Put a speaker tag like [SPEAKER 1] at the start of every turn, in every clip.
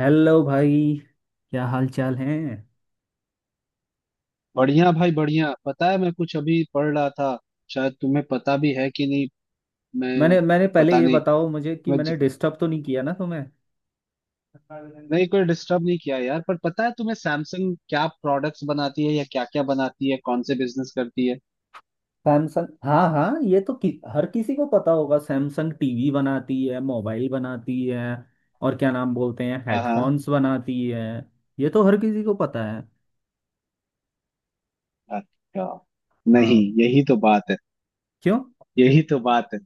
[SPEAKER 1] Hello भाई। क्या हाल चाल है।
[SPEAKER 2] बढ़िया भाई बढ़िया। पता है, मैं कुछ अभी पढ़ रहा था। शायद तुम्हें पता भी है कि नहीं। मैं
[SPEAKER 1] मैंने मैंने पहले
[SPEAKER 2] पता
[SPEAKER 1] ये
[SPEAKER 2] नहीं।
[SPEAKER 1] बताओ मुझे कि
[SPEAKER 2] मैं ज...
[SPEAKER 1] मैंने डिस्टर्ब तो नहीं किया ना तुम्हें।
[SPEAKER 2] नहीं, कोई डिस्टर्ब नहीं किया यार। पर पता है तुम्हें सैमसंग क्या प्रोडक्ट्स बनाती है या क्या क्या बनाती है, कौन से बिजनेस करती है?
[SPEAKER 1] सैमसंग? हाँ हाँ, ये तो कि, हर किसी को पता होगा, सैमसंग टीवी बनाती है, मोबाइल बनाती है। और क्या नाम बोलते हैं,
[SPEAKER 2] हाँ हाँ।
[SPEAKER 1] हेडफोन्स बनाती है। ये तो हर किसी को पता है।
[SPEAKER 2] अच्छा, नहीं
[SPEAKER 1] हाँ।
[SPEAKER 2] यही तो बात है।
[SPEAKER 1] क्यों?
[SPEAKER 2] यही तो बात है।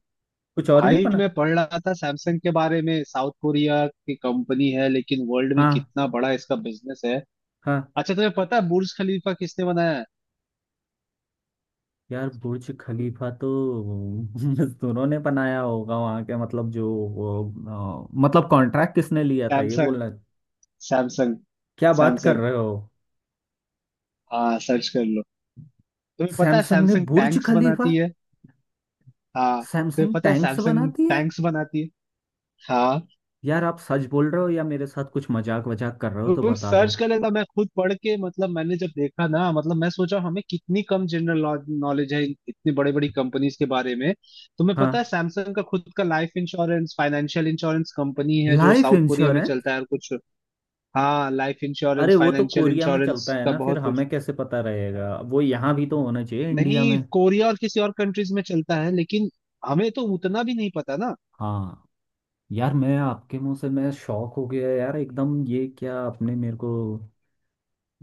[SPEAKER 1] कुछ और भी
[SPEAKER 2] भाई
[SPEAKER 1] बना?
[SPEAKER 2] मैं पढ़ रहा था सैमसंग के बारे में, साउथ कोरिया की कंपनी है लेकिन वर्ल्ड में
[SPEAKER 1] हाँ
[SPEAKER 2] कितना बड़ा इसका बिजनेस है।
[SPEAKER 1] हाँ।
[SPEAKER 2] अच्छा तुम्हें पता है बुर्ज खलीफा किसने बनाया है?
[SPEAKER 1] यार, बुर्ज खलीफा तो मजदूरों ने बनाया होगा वहाँ के, मतलब जो वो, मतलब कॉन्ट्रैक्ट किसने लिया था, ये
[SPEAKER 2] सैमसंग।
[SPEAKER 1] बोलना।
[SPEAKER 2] सैमसंग।
[SPEAKER 1] क्या बात कर
[SPEAKER 2] सैमसंग।
[SPEAKER 1] रहे हो?
[SPEAKER 2] हाँ सर्च कर लो। तुम्हें पता है
[SPEAKER 1] सैमसंग ने
[SPEAKER 2] सैमसंग
[SPEAKER 1] बुर्ज
[SPEAKER 2] टैंक्स
[SPEAKER 1] खलीफा?
[SPEAKER 2] बनाती है? हाँ तुम्हें
[SPEAKER 1] सैमसंग
[SPEAKER 2] पता है
[SPEAKER 1] टैंक्स
[SPEAKER 2] सैमसंग
[SPEAKER 1] बनाती है?
[SPEAKER 2] टैंक्स बनाती है? हाँ
[SPEAKER 1] यार आप सच बोल रहे हो या मेरे साथ कुछ मजाक वजाक कर रहे हो तो
[SPEAKER 2] तुम
[SPEAKER 1] बता दो।
[SPEAKER 2] सर्च कर लेना। मैं खुद पढ़ के मतलब मैंने जब देखा ना, मतलब मैं सोचा हमें कितनी कम जनरल नॉलेज है इतनी बड़ी बड़ी कंपनीज के बारे में। तुम्हें पता
[SPEAKER 1] हाँ।
[SPEAKER 2] है सैमसंग का खुद का life insurance, financial insurance company है जो
[SPEAKER 1] लाइफ
[SPEAKER 2] साउथ कोरिया में
[SPEAKER 1] इंश्योरेंस?
[SPEAKER 2] चलता है और कुछ। हाँ लाइफ
[SPEAKER 1] अरे
[SPEAKER 2] इंश्योरेंस
[SPEAKER 1] वो तो
[SPEAKER 2] फाइनेंशियल
[SPEAKER 1] कोरिया में चलता
[SPEAKER 2] इंश्योरेंस
[SPEAKER 1] है
[SPEAKER 2] का
[SPEAKER 1] ना, फिर
[SPEAKER 2] बहुत कुछ।
[SPEAKER 1] हमें कैसे पता रहेगा? वो यहाँ भी तो होना चाहिए इंडिया
[SPEAKER 2] नहीं
[SPEAKER 1] में।
[SPEAKER 2] कोरिया और किसी और कंट्रीज में चलता है, लेकिन हमें तो उतना भी नहीं पता ना।
[SPEAKER 1] हाँ। यार मैं आपके मुंह से मैं शॉक हो गया यार एकदम। ये क्या आपने मेरे को!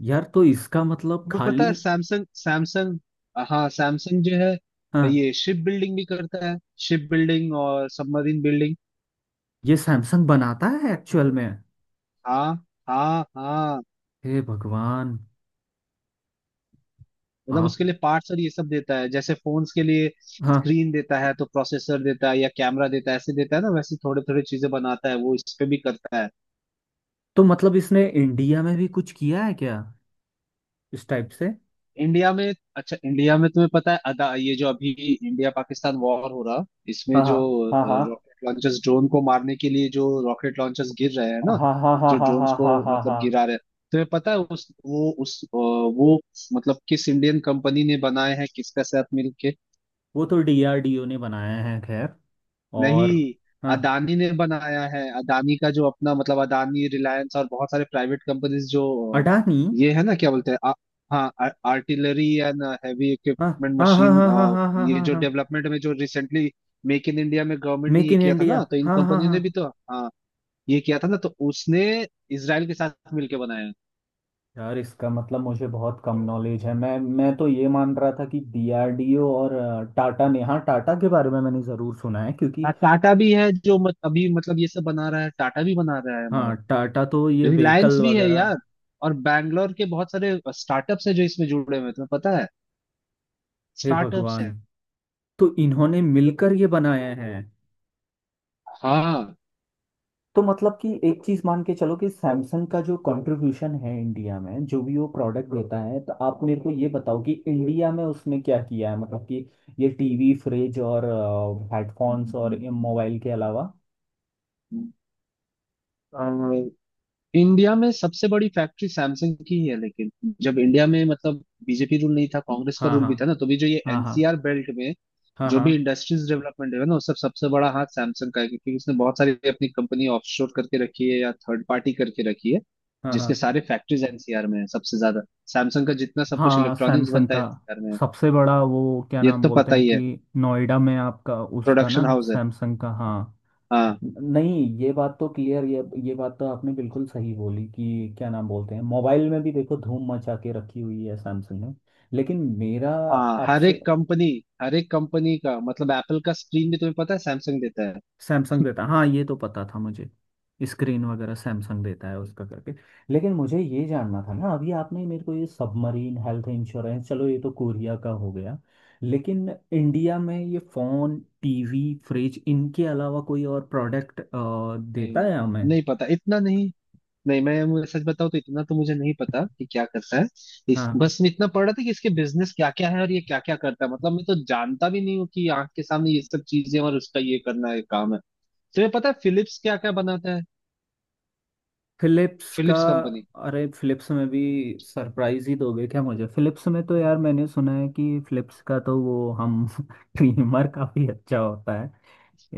[SPEAKER 1] यार तो इसका मतलब
[SPEAKER 2] तुम्हें पता
[SPEAKER 1] खाली।
[SPEAKER 2] है सैमसंग? हाँ सैमसंग जो है
[SPEAKER 1] हाँ।
[SPEAKER 2] ये शिप बिल्डिंग भी करता है। शिप बिल्डिंग और सबमरीन बिल्डिंग।
[SPEAKER 1] ये सैमसंग बनाता है एक्चुअल में?
[SPEAKER 2] हाँ हाँ हाँ।
[SPEAKER 1] हे भगवान।
[SPEAKER 2] मतलब
[SPEAKER 1] आप।
[SPEAKER 2] उसके लिए पार्ट्स और ये सब देता है। जैसे फोन्स के लिए
[SPEAKER 1] हाँ।
[SPEAKER 2] स्क्रीन देता है, तो प्रोसेसर देता है, या कैमरा देता है, ऐसे देता है ना, वैसे थोड़े थोड़े चीजें बनाता है वो इस पे भी करता है।
[SPEAKER 1] तो मतलब इसने इंडिया में भी कुछ किया है क्या? इस टाइप से?
[SPEAKER 2] इंडिया में अच्छा इंडिया में तुम्हें पता है, अदा ये जो अभी इंडिया पाकिस्तान वॉर हो रहा इसमें
[SPEAKER 1] हाँ
[SPEAKER 2] जो
[SPEAKER 1] हाँ हाँ
[SPEAKER 2] रॉकेट लॉन्चर्स ड्रोन को मारने के लिए जो रॉकेट लॉन्चर्स गिर रहे हैं ना,
[SPEAKER 1] हाँ हाँ हाँ
[SPEAKER 2] जो
[SPEAKER 1] हाँ
[SPEAKER 2] ड्रोन्स
[SPEAKER 1] हाँ
[SPEAKER 2] को
[SPEAKER 1] हाँ हाँ हाँ
[SPEAKER 2] मतलब
[SPEAKER 1] हाँ।
[SPEAKER 2] गिरा रहे हैं, तुम्हें पता है उस वो उस अ, वो मतलब किस इंडियन कंपनी ने बनाए हैं किसका साथ मिलके?
[SPEAKER 1] वो तो डीआरडीओ ने बनाया है खैर।
[SPEAKER 2] नहीं,
[SPEAKER 1] और हाँ।
[SPEAKER 2] अदानी ने बनाया है। अदानी का जो अपना मतलब अदानी रिलायंस और बहुत सारे प्राइवेट कंपनीज जो
[SPEAKER 1] अडानी?
[SPEAKER 2] ये है ना, क्या बोलते हैं, हाँ आर्टिलरी एंड हैवी
[SPEAKER 1] हाँ
[SPEAKER 2] इक्विपमेंट
[SPEAKER 1] हाँ हाँ
[SPEAKER 2] मशीन।
[SPEAKER 1] हाँ हाँ हाँ हाँ
[SPEAKER 2] ये
[SPEAKER 1] हाँ
[SPEAKER 2] जो
[SPEAKER 1] हाँ।
[SPEAKER 2] डेवलपमेंट में जो रिसेंटली मेक इन इंडिया में गवर्नमेंट ने
[SPEAKER 1] मेक
[SPEAKER 2] ये
[SPEAKER 1] इन
[SPEAKER 2] किया था ना,
[SPEAKER 1] इंडिया।
[SPEAKER 2] तो इन
[SPEAKER 1] हाँ हाँ
[SPEAKER 2] कंपनियों
[SPEAKER 1] हाँ।
[SPEAKER 2] ने भी तो हाँ ये किया था ना, तो उसने इसराइल के साथ मिलके बनाया है।
[SPEAKER 1] यार इसका मतलब मुझे बहुत कम नॉलेज है। मैं तो ये मान रहा था कि डीआरडीओ और टाटा ने। हाँ, टाटा के बारे में मैंने ज़रूर सुना है क्योंकि।
[SPEAKER 2] हाँ टाटा भी है जो मत, अभी मतलब ये सब बना रहा है, टाटा भी बना रहा है हमारा।
[SPEAKER 1] हाँ, टाटा तो ये
[SPEAKER 2] रिलायंस
[SPEAKER 1] व्हीकल
[SPEAKER 2] भी है
[SPEAKER 1] वगैरह।
[SPEAKER 2] यार। और बैंगलोर के बहुत सारे स्टार्टअप्स हैं जो इसमें जुड़े हुए हैं, तुम्हें पता है,
[SPEAKER 1] हे
[SPEAKER 2] स्टार्टअप्स
[SPEAKER 1] भगवान।
[SPEAKER 2] हैं।
[SPEAKER 1] तो इन्होंने मिलकर ये बनाए हैं?
[SPEAKER 2] हाँ
[SPEAKER 1] तो मतलब कि एक चीज मान के चलो कि सैमसंग का जो कंट्रीब्यूशन है इंडिया में, जो भी वो प्रोडक्ट देता है, तो आप मेरे को ये बताओ कि इंडिया में उसने क्या किया है, मतलब कि ये टीवी, फ्रिज और हेडफोन्स और मोबाइल के अलावा?
[SPEAKER 2] अ, इंडिया में सबसे बड़ी फैक्ट्री सैमसंग की ही है। लेकिन जब इंडिया में मतलब बीजेपी रूल नहीं था, कांग्रेस का
[SPEAKER 1] हाँ
[SPEAKER 2] रूल
[SPEAKER 1] हाँ
[SPEAKER 2] भी था ना, तो भी जो ये
[SPEAKER 1] हाँ हाँ
[SPEAKER 2] एनसीआर बेल्ट में
[SPEAKER 1] हाँ
[SPEAKER 2] जो
[SPEAKER 1] हाँ
[SPEAKER 2] भी इंडस्ट्रीज डेवलपमेंट है ना उस सब सबसे बड़ा हाथ सैमसंग का है, क्योंकि उसने बहुत सारी अपनी कंपनी ऑफशोर करके रखी है या थर्ड पार्टी करके रखी है,
[SPEAKER 1] हाँ हाँ
[SPEAKER 2] जिसके सारे फैक्ट्रीज एनसीआर में है सबसे ज्यादा। सैमसंग का जितना सब कुछ
[SPEAKER 1] हाँ।
[SPEAKER 2] इलेक्ट्रॉनिक्स
[SPEAKER 1] सैमसंग
[SPEAKER 2] बनता
[SPEAKER 1] का
[SPEAKER 2] है एनसीआर में है।
[SPEAKER 1] सबसे बड़ा वो क्या
[SPEAKER 2] ये
[SPEAKER 1] नाम
[SPEAKER 2] तो
[SPEAKER 1] बोलते
[SPEAKER 2] पता
[SPEAKER 1] हैं,
[SPEAKER 2] ही
[SPEAKER 1] कि
[SPEAKER 2] है
[SPEAKER 1] नोएडा में आपका उसका ना,
[SPEAKER 2] प्रोडक्शन हाउस है।
[SPEAKER 1] सैमसंग का। हाँ।
[SPEAKER 2] हाँ
[SPEAKER 1] नहीं ये बात तो क्लियर, ये बात तो आपने बिल्कुल सही बोली कि क्या नाम बोलते हैं, मोबाइल में भी देखो धूम मचा के रखी हुई है सैमसंग ने। लेकिन मेरा
[SPEAKER 2] हाँ। हर
[SPEAKER 1] आपसे।
[SPEAKER 2] एक कंपनी, हर एक कंपनी का मतलब एप्पल का स्क्रीन भी तुम्हें पता है सैमसंग देता है।
[SPEAKER 1] सैमसंग देता, हाँ, ये तो पता था मुझे। स्क्रीन वगैरह सैमसंग देता है उसका करके। लेकिन मुझे ये जानना था ना, अभी आपने मेरे को ये सबमरीन, हेल्थ इंश्योरेंस, चलो ये तो कोरिया का हो गया, लेकिन इंडिया में ये फोन, टीवी, फ्रिज इनके अलावा कोई और प्रोडक्ट देता
[SPEAKER 2] नहीं,
[SPEAKER 1] है हमें?
[SPEAKER 2] नहीं पता इतना नहीं। नहीं मैं, मुझे सच बताऊं तो इतना तो मुझे नहीं पता कि क्या करता है। इस
[SPEAKER 1] हाँ।
[SPEAKER 2] बस मैं इतना पढ़ रहा था कि इसके बिजनेस क्या क्या है और ये क्या क्या करता है। मतलब मैं तो जानता भी नहीं हूँ कि आंख के सामने ये सब चीजें और उसका ये करना है काम है। तुम्हें पता है फिलिप्स क्या क्या बनाता है?
[SPEAKER 1] फिलिप्स का?
[SPEAKER 2] Philips company.
[SPEAKER 1] अरे फिलिप्स में भी सरप्राइज ही दोगे क्या मुझे? फिलिप्स में तो यार मैंने सुना है कि फिलिप्स का तो वो हम ट्रिमर काफी अच्छा होता है,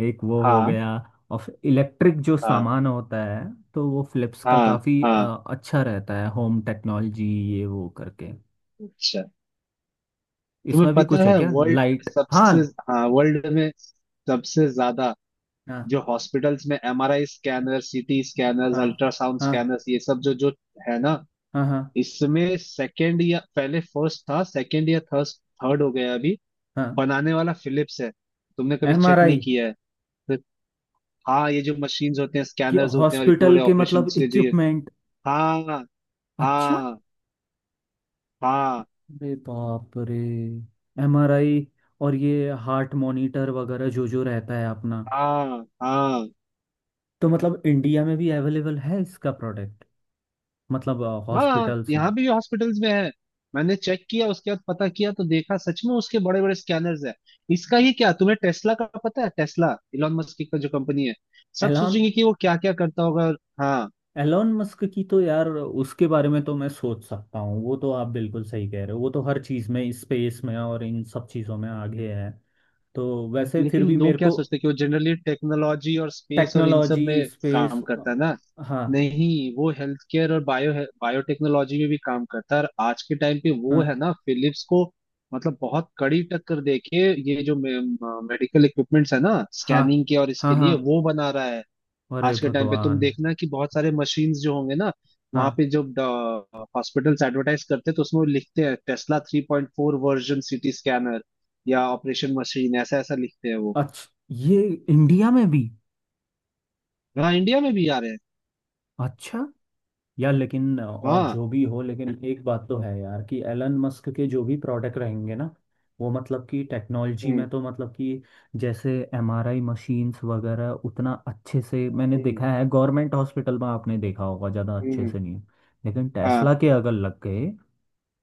[SPEAKER 1] एक वो हो
[SPEAKER 2] हाँ
[SPEAKER 1] गया, और इलेक्ट्रिक जो
[SPEAKER 2] हाँ
[SPEAKER 1] सामान होता है तो वो फिलिप्स का
[SPEAKER 2] हाँ
[SPEAKER 1] काफी
[SPEAKER 2] हाँ।
[SPEAKER 1] अच्छा रहता है, होम टेक्नोलॉजी, ये वो करके।
[SPEAKER 2] अच्छा तुम्हें
[SPEAKER 1] इसमें भी
[SPEAKER 2] पता
[SPEAKER 1] कुछ है
[SPEAKER 2] है
[SPEAKER 1] क्या?
[SPEAKER 2] वर्ल्ड में
[SPEAKER 1] लाइट? हाँ।
[SPEAKER 2] सबसे? हाँ वर्ल्ड में सबसे ज्यादा
[SPEAKER 1] हाँ
[SPEAKER 2] जो हॉस्पिटल्स में एमआरआई स्कैनर, सीटी स्कैनर्स,
[SPEAKER 1] हाँ
[SPEAKER 2] अल्ट्रासाउंड
[SPEAKER 1] हाँ
[SPEAKER 2] स्कैनर्स ये सब जो जो है ना,
[SPEAKER 1] हाँ हाँ
[SPEAKER 2] इसमें सेकंड या पहले फर्स्ट था, सेकंड या थर्ड, थर्ड हो गया अभी
[SPEAKER 1] हाँ।
[SPEAKER 2] बनाने वाला फिलिप्स है। तुमने कभी
[SPEAKER 1] एम आर
[SPEAKER 2] चेक नहीं
[SPEAKER 1] आई
[SPEAKER 2] किया है तो। हाँ ये जो मशीन्स होते हैं
[SPEAKER 1] ये
[SPEAKER 2] स्कैनर्स होते हैं और इतने
[SPEAKER 1] हॉस्पिटल
[SPEAKER 2] बड़े
[SPEAKER 1] के
[SPEAKER 2] ऑपरेशन
[SPEAKER 1] मतलब
[SPEAKER 2] के जो ये।
[SPEAKER 1] इक्विपमेंट?
[SPEAKER 2] हाँ
[SPEAKER 1] अच्छा।
[SPEAKER 2] हाँ हाँ
[SPEAKER 1] अरे बाप रे। एमआरआई और ये हार्ट मॉनिटर वगैरह जो जो रहता है अपना,
[SPEAKER 2] हाँ हाँ।
[SPEAKER 1] तो मतलब इंडिया में भी अवेलेबल है इसका प्रोडक्ट? मतलब
[SPEAKER 2] हाँ
[SPEAKER 1] हॉस्पिटल्स में?
[SPEAKER 2] यहाँ भी हॉस्पिटल्स में है। मैंने चेक किया उसके बाद पता किया तो देखा सच में उसके बड़े बड़े स्कैनर्स हैं। इसका ही क्या, तुम्हें टेस्ला का पता है? टेस्ला इलॉन मस्क का जो कंपनी है। सब
[SPEAKER 1] एलॉन?
[SPEAKER 2] सोचेंगे कि वो क्या क्या करता होगा और हाँ
[SPEAKER 1] एलॉन मस्क की तो यार उसके बारे में तो मैं सोच सकता हूँ, वो तो आप बिल्कुल सही कह रहे हो, वो तो हर चीज़ में स्पेस में और इन सब चीज़ों में आगे है। तो वैसे फिर
[SPEAKER 2] लेकिन
[SPEAKER 1] भी
[SPEAKER 2] लोग
[SPEAKER 1] मेरे
[SPEAKER 2] क्या
[SPEAKER 1] को।
[SPEAKER 2] सोचते हैं कि वो जनरली टेक्नोलॉजी और स्पेस और इन सब
[SPEAKER 1] टेक्नोलॉजी।
[SPEAKER 2] में
[SPEAKER 1] स्पेस।
[SPEAKER 2] काम करता है ना।
[SPEAKER 1] हाँ
[SPEAKER 2] नहीं, वो हेल्थ केयर और बायो बायोटेक्नोलॉजी में भी काम करता है। और आज के टाइम पे वो है
[SPEAKER 1] हाँ
[SPEAKER 2] ना फिलिप्स को मतलब बहुत कड़ी टक्कर देके ये जो मेडिकल इक्विपमेंट्स है ना
[SPEAKER 1] हाँ
[SPEAKER 2] स्कैनिंग के और
[SPEAKER 1] हाँ हाँ
[SPEAKER 2] इसके लिए
[SPEAKER 1] हाँ।
[SPEAKER 2] वो बना रहा है।
[SPEAKER 1] अरे
[SPEAKER 2] आज के टाइम पे तुम
[SPEAKER 1] भगवान।
[SPEAKER 2] देखना कि बहुत सारे मशीन्स जो होंगे ना वहां
[SPEAKER 1] हाँ।
[SPEAKER 2] पे, जो हॉस्पिटल्स एडवर्टाइज करते हैं, तो उसमें वो लिखते हैं टेस्ला 3.4 वर्जन सीटी स्कैनर या ऑपरेशन मशीन ऐसा ऐसा लिखते हैं वो।
[SPEAKER 1] अच्छा। ये इंडिया में भी?
[SPEAKER 2] हाँ इंडिया में भी आ रहे हैं।
[SPEAKER 1] अच्छा। यार लेकिन और
[SPEAKER 2] हाँ
[SPEAKER 1] जो भी हो, लेकिन एक बात तो है यार कि एलन मस्क के जो भी प्रोडक्ट रहेंगे ना, वो मतलब कि टेक्नोलॉजी
[SPEAKER 2] हम्म
[SPEAKER 1] में तो मतलब कि, जैसे एमआरआई मशीन्स वगैरह उतना अच्छे से मैंने
[SPEAKER 2] हम्म
[SPEAKER 1] देखा है गवर्नमेंट हॉस्पिटल में, आपने देखा होगा ज़्यादा अच्छे
[SPEAKER 2] हम्म,
[SPEAKER 1] से नहीं। लेकिन टेस्ला
[SPEAKER 2] हाँ
[SPEAKER 1] के अगर लग गए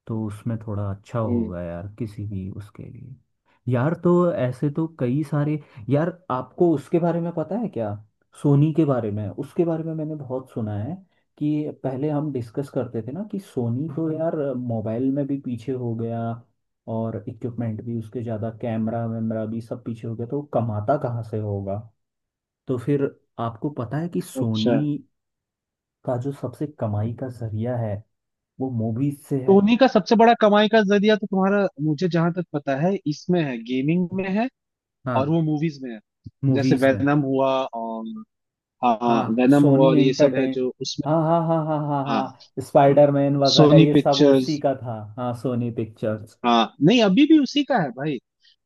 [SPEAKER 1] तो उसमें थोड़ा अच्छा
[SPEAKER 2] हम्म।
[SPEAKER 1] होगा यार, किसी भी उसके लिए। यार तो ऐसे तो कई सारे। यार आपको उसके बारे में पता है क्या, सोनी के बारे में? उसके बारे में मैंने बहुत सुना है कि पहले हम डिस्कस करते थे ना कि सोनी तो यार मोबाइल में भी पीछे हो गया, और इक्विपमेंट भी उसके ज़्यादा, कैमरा वैमरा भी सब पीछे हो गया, तो वो कमाता कहाँ से होगा? तो फिर, आपको पता है कि
[SPEAKER 2] अच्छा,
[SPEAKER 1] सोनी का जो सबसे कमाई का जरिया है वो मूवीज से है।
[SPEAKER 2] सोनी का सबसे बड़ा कमाई का जरिया तो तुम्हारा मुझे जहां तक पता है इसमें है, गेमिंग में है और
[SPEAKER 1] हाँ।
[SPEAKER 2] वो मूवीज में है, जैसे
[SPEAKER 1] मूवीज में।
[SPEAKER 2] वेनम हुआ और हाँ
[SPEAKER 1] हाँ,
[SPEAKER 2] वेनम हुआ
[SPEAKER 1] सोनी
[SPEAKER 2] और ये सब है
[SPEAKER 1] एंटरटेन।
[SPEAKER 2] जो उसमें।
[SPEAKER 1] हाँ हाँ हाँ हाँ हाँ
[SPEAKER 2] हाँ
[SPEAKER 1] हाँ स्पाइडरमैन वगैरह
[SPEAKER 2] सोनी
[SPEAKER 1] ये सब उसी
[SPEAKER 2] पिक्चर्स।
[SPEAKER 1] का था। हाँ, सोनी पिक्चर्स।
[SPEAKER 2] हाँ नहीं अभी भी उसी का है भाई।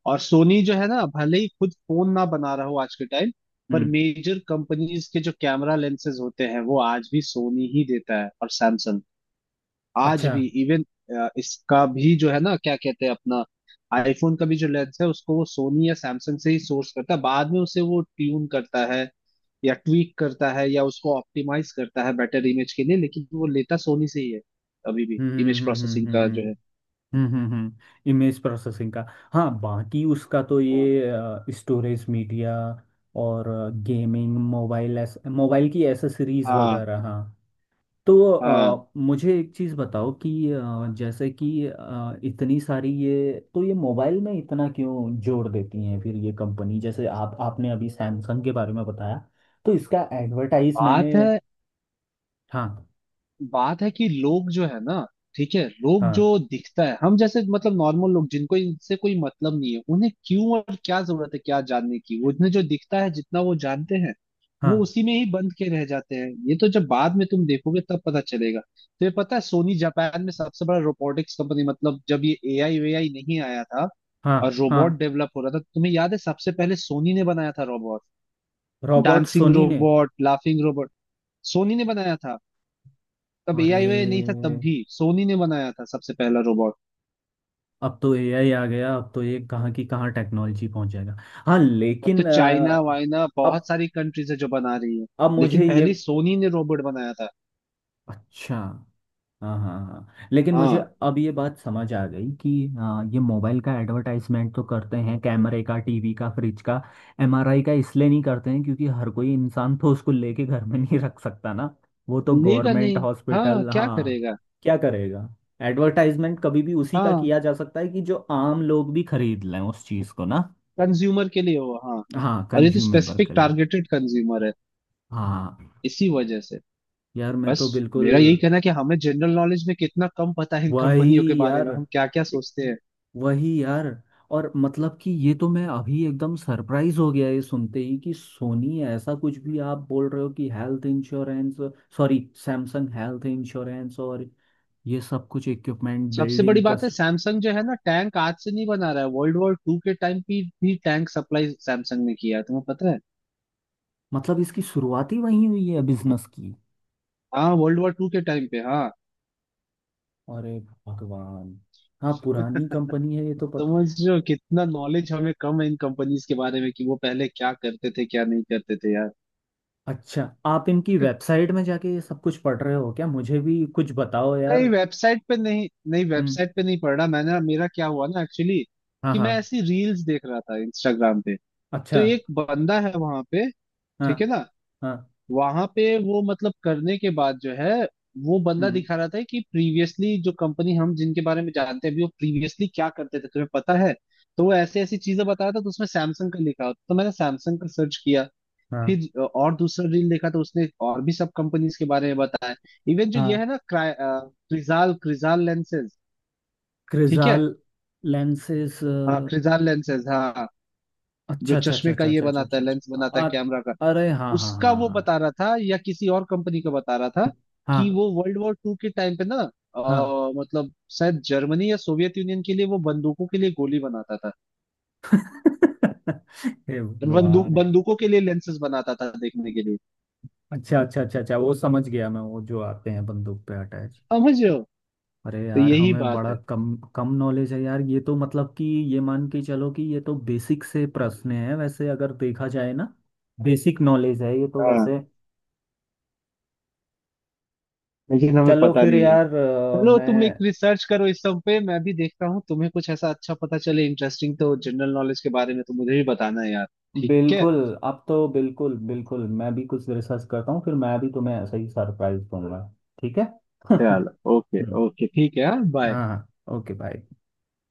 [SPEAKER 2] और सोनी जो है ना भले ही खुद फोन ना बना रहा हो आज के टाइम पर,
[SPEAKER 1] हम्म।
[SPEAKER 2] मेजर कंपनीज के जो कैमरा लेंसेज होते हैं वो आज भी सोनी ही देता है और सैमसंग। आज
[SPEAKER 1] अच्छा।
[SPEAKER 2] भी इवन इसका भी जो है ना क्या कहते हैं अपना आईफोन का भी जो लेंस है उसको वो सोनी या सैमसंग से ही सोर्स करता है, बाद में उसे वो ट्यून करता है या ट्वीक करता है या उसको ऑप्टिमाइज करता है बेटर इमेज के लिए, लेकिन वो लेता सोनी से ही है अभी भी।
[SPEAKER 1] हम्म
[SPEAKER 2] इमेज प्रोसेसिंग का
[SPEAKER 1] हम्म।
[SPEAKER 2] जो है
[SPEAKER 1] हम्म हम्म हम्म, इमेज प्रोसेसिंग का। हाँ, बाकी उसका तो
[SPEAKER 2] हाँ
[SPEAKER 1] ये स्टोरेज मीडिया, और गेमिंग, मोबाइल, मोबाइल की एसेसरीज
[SPEAKER 2] हाँ
[SPEAKER 1] वगैरह। हाँ। तो
[SPEAKER 2] हाँ,
[SPEAKER 1] मुझे एक चीज़ बताओ कि जैसे कि इतनी सारी ये तो, ये मोबाइल में इतना क्यों जोड़ देती हैं फिर ये कंपनी, जैसे आप आपने अभी सैमसंग के बारे में बताया, तो इसका एडवर्टाइज मैंने।
[SPEAKER 2] बात है,
[SPEAKER 1] हाँ
[SPEAKER 2] बात है कि लोग जो है ना, ठीक है लोग जो
[SPEAKER 1] हाँ
[SPEAKER 2] दिखता है, हम जैसे मतलब नॉर्मल लोग जिनको इनसे कोई मतलब नहीं है उन्हें क्यों और क्या जरूरत है, क्या जानने की, वो उन्हें जो दिखता है जितना वो जानते हैं वो
[SPEAKER 1] हाँ
[SPEAKER 2] उसी में ही बंद के रह जाते हैं। ये तो जब बाद में तुम देखोगे तब पता चलेगा। तो ये पता है सोनी जापान में सबसे बड़ा रोबोटिक्स कंपनी, मतलब जब ये एआई वेआई नहीं आया था
[SPEAKER 1] हाँ
[SPEAKER 2] और
[SPEAKER 1] हाँ।
[SPEAKER 2] रोबोट डेवलप हो रहा था, तुम्हें याद है सबसे पहले सोनी ने बनाया था रोबोट,
[SPEAKER 1] रोबोट
[SPEAKER 2] डांसिंग
[SPEAKER 1] सोनी ने?
[SPEAKER 2] रोबोट, लाफिंग रोबोट, सोनी ने बनाया था। तब एआई वे नहीं था
[SPEAKER 1] अरे।
[SPEAKER 2] तब भी सोनी ने बनाया था सबसे पहला रोबोट।
[SPEAKER 1] अब तो एआई आ गया, अब तो ये कहाँ की कहाँ टेक्नोलॉजी पहुंच जाएगा। हाँ
[SPEAKER 2] अब तो
[SPEAKER 1] लेकिन
[SPEAKER 2] चाइना वाइना
[SPEAKER 1] अब
[SPEAKER 2] बहुत सारी कंट्रीज है जो बना रही है,
[SPEAKER 1] अब
[SPEAKER 2] लेकिन
[SPEAKER 1] मुझे ये।
[SPEAKER 2] पहले सोनी ने रोबोट बनाया था।
[SPEAKER 1] अच्छा। हाँ हाँ हाँ, लेकिन मुझे
[SPEAKER 2] हाँ
[SPEAKER 1] अब ये बात समझ आ गई कि हाँ, ये मोबाइल का एडवर्टाइजमेंट तो करते हैं, कैमरे का, टीवी का, फ्रिज का। एमआरआई का इसलिए नहीं करते हैं क्योंकि हर कोई इंसान तो उसको लेके घर में नहीं रख सकता ना। वो तो
[SPEAKER 2] लेगा
[SPEAKER 1] गवर्नमेंट
[SPEAKER 2] नहीं। हाँ
[SPEAKER 1] हॉस्पिटल।
[SPEAKER 2] क्या
[SPEAKER 1] हाँ,
[SPEAKER 2] करेगा।
[SPEAKER 1] क्या करेगा? एडवर्टाइजमेंट कभी भी उसी का
[SPEAKER 2] हाँ
[SPEAKER 1] किया जा सकता है कि जो आम लोग भी खरीद लें उस चीज़ को ना।
[SPEAKER 2] कंज्यूमर के लिए हो हाँ।
[SPEAKER 1] हाँ,
[SPEAKER 2] और ये तो
[SPEAKER 1] कंज्यूमेबल
[SPEAKER 2] स्पेसिफिक
[SPEAKER 1] के लिए।
[SPEAKER 2] टारगेटेड कंज्यूमर है,
[SPEAKER 1] हाँ।
[SPEAKER 2] इसी वजह से
[SPEAKER 1] यार मैं
[SPEAKER 2] बस।
[SPEAKER 1] तो बिल्कुल।
[SPEAKER 2] मेरा यही कहना है कि हमें जनरल नॉलेज में कितना कम पता है इन
[SPEAKER 1] वही
[SPEAKER 2] कंपनियों के बारे
[SPEAKER 1] यार।
[SPEAKER 2] में, हम क्या क्या सोचते हैं।
[SPEAKER 1] वही यार। और मतलब कि ये तो मैं अभी एकदम सरप्राइज हो गया ये सुनते ही कि सोनी, ऐसा कुछ भी आप बोल रहे हो कि health insurance, sorry, Samsung health insurance और ये सब कुछ इक्विपमेंट
[SPEAKER 2] सबसे बड़ी
[SPEAKER 1] बिल्डिंग
[SPEAKER 2] बात है
[SPEAKER 1] कस्ट।
[SPEAKER 2] सैमसंग जो है ना टैंक आज से नहीं बना रहा है, वर्ल्ड वॉर टू के टाइम भी टैंक सप्लाई सैमसंग ने किया है, तुम्हें पता है।
[SPEAKER 1] मतलब इसकी शुरुआत ही वहीं हुई है बिजनेस की?
[SPEAKER 2] हाँ वर्ल्ड वॉर टू के टाइम पे हाँ।
[SPEAKER 1] अरे भगवान। हाँ, पुरानी कंपनी है ये तो पता।
[SPEAKER 2] समझ रहे हो कितना नॉलेज हमें कम है इन कंपनीज के बारे में कि वो पहले क्या करते थे क्या नहीं करते थे यार।
[SPEAKER 1] अच्छा, आप इनकी वेबसाइट में जाके ये सब कुछ पढ़ रहे हो क्या? मुझे भी कुछ बताओ यार।
[SPEAKER 2] नहीं वेबसाइट पे नहीं नहीं
[SPEAKER 1] हम्म।
[SPEAKER 2] वेबसाइट पे नहीं पढ़ा मैंने। मेरा क्या हुआ ना एक्चुअली,
[SPEAKER 1] हाँ
[SPEAKER 2] कि
[SPEAKER 1] हाँ।
[SPEAKER 2] मैं ऐसी रील्स देख रहा था इंस्टाग्राम पे, तो
[SPEAKER 1] अच्छा।
[SPEAKER 2] एक बंदा है वहां पे,
[SPEAKER 1] हाँ
[SPEAKER 2] ठीक है ना,
[SPEAKER 1] हाँ।
[SPEAKER 2] वहां पे वो मतलब करने के बाद जो है, वो बंदा
[SPEAKER 1] हम्म।
[SPEAKER 2] दिखा रहा था कि प्रीवियसली जो कंपनी हम जिनके बारे में जानते हैं अभी वो प्रीवियसली क्या करते थे तुम्हें पता है। तो वो ऐसे ऐसी चीजें बता रहा था, तो उसमें सैमसंग का लिखा होता तो मैंने सैमसंग का सर्च किया।
[SPEAKER 1] हाँ
[SPEAKER 2] फिर और दूसरा रील देखा तो उसने और भी सब कंपनीज के बारे में बताया। इवन जो ये
[SPEAKER 1] हाँ।
[SPEAKER 2] है ना क्रा- अ, क्रिजाल क्रिजाल लेंसेज, ठीक है।
[SPEAKER 1] Crizal lenses?
[SPEAKER 2] हाँ क्रिजाल लेंसेज हाँ। जो
[SPEAKER 1] अच्छा अच्छा अच्छा
[SPEAKER 2] चश्मे का
[SPEAKER 1] अच्छा
[SPEAKER 2] ये
[SPEAKER 1] अच्छा अच्छा
[SPEAKER 2] बनाता
[SPEAKER 1] अच्छा
[SPEAKER 2] है, लेंस
[SPEAKER 1] अच्छा।
[SPEAKER 2] बनाता है कैमरा का,
[SPEAKER 1] अरे हाँ हाँ
[SPEAKER 2] उसका वो
[SPEAKER 1] हाँ।
[SPEAKER 2] बता रहा था या किसी और कंपनी का बता रहा था
[SPEAKER 1] हाँ
[SPEAKER 2] कि
[SPEAKER 1] हाँ
[SPEAKER 2] वो वर्ल्ड वॉर टू के टाइम पे ना,
[SPEAKER 1] हाँ।
[SPEAKER 2] मतलब शायद जर्मनी या सोवियत यूनियन के लिए वो बंदूकों के लिए गोली बनाता था।
[SPEAKER 1] हे
[SPEAKER 2] बंदूक
[SPEAKER 1] भगवान।
[SPEAKER 2] बंदूकों के लिए लेंसेस बनाता था देखने के लिए।
[SPEAKER 1] अच्छा अच्छा अच्छा अच्छा, वो समझ गया मैं, वो जो आते हैं बंदूक पे अटैच।
[SPEAKER 2] समझ रहे हो, तो
[SPEAKER 1] अरे यार,
[SPEAKER 2] यही
[SPEAKER 1] हमें
[SPEAKER 2] बात
[SPEAKER 1] बड़ा
[SPEAKER 2] है।
[SPEAKER 1] कम कम नॉलेज है यार, ये तो मतलब कि, ये मान के चलो कि ये तो बेसिक से प्रश्न है वैसे अगर देखा जाए ना। बेसिक नॉलेज है ये तो
[SPEAKER 2] हाँ
[SPEAKER 1] वैसे।
[SPEAKER 2] लेकिन हमें
[SPEAKER 1] चलो
[SPEAKER 2] पता
[SPEAKER 1] फिर
[SPEAKER 2] नहीं है।
[SPEAKER 1] यार,
[SPEAKER 2] चलो तुम एक
[SPEAKER 1] मैं
[SPEAKER 2] रिसर्च करो इस सब पे, मैं भी देखता हूँ, तुम्हें कुछ ऐसा अच्छा पता चले इंटरेस्टिंग तो जनरल नॉलेज के बारे में तो मुझे भी बताना है यार। ठीक है।
[SPEAKER 1] बिल्कुल। अब तो बिल्कुल बिल्कुल मैं भी कुछ रिसर्च करता हूँ, फिर मैं भी तुम्हें ऐसा ही सरप्राइज दूंगा। ठीक है।
[SPEAKER 2] चलो ओके
[SPEAKER 1] हम्म।
[SPEAKER 2] ओके ठीक है हाँ बाय।
[SPEAKER 1] हाँ, ओके बाय।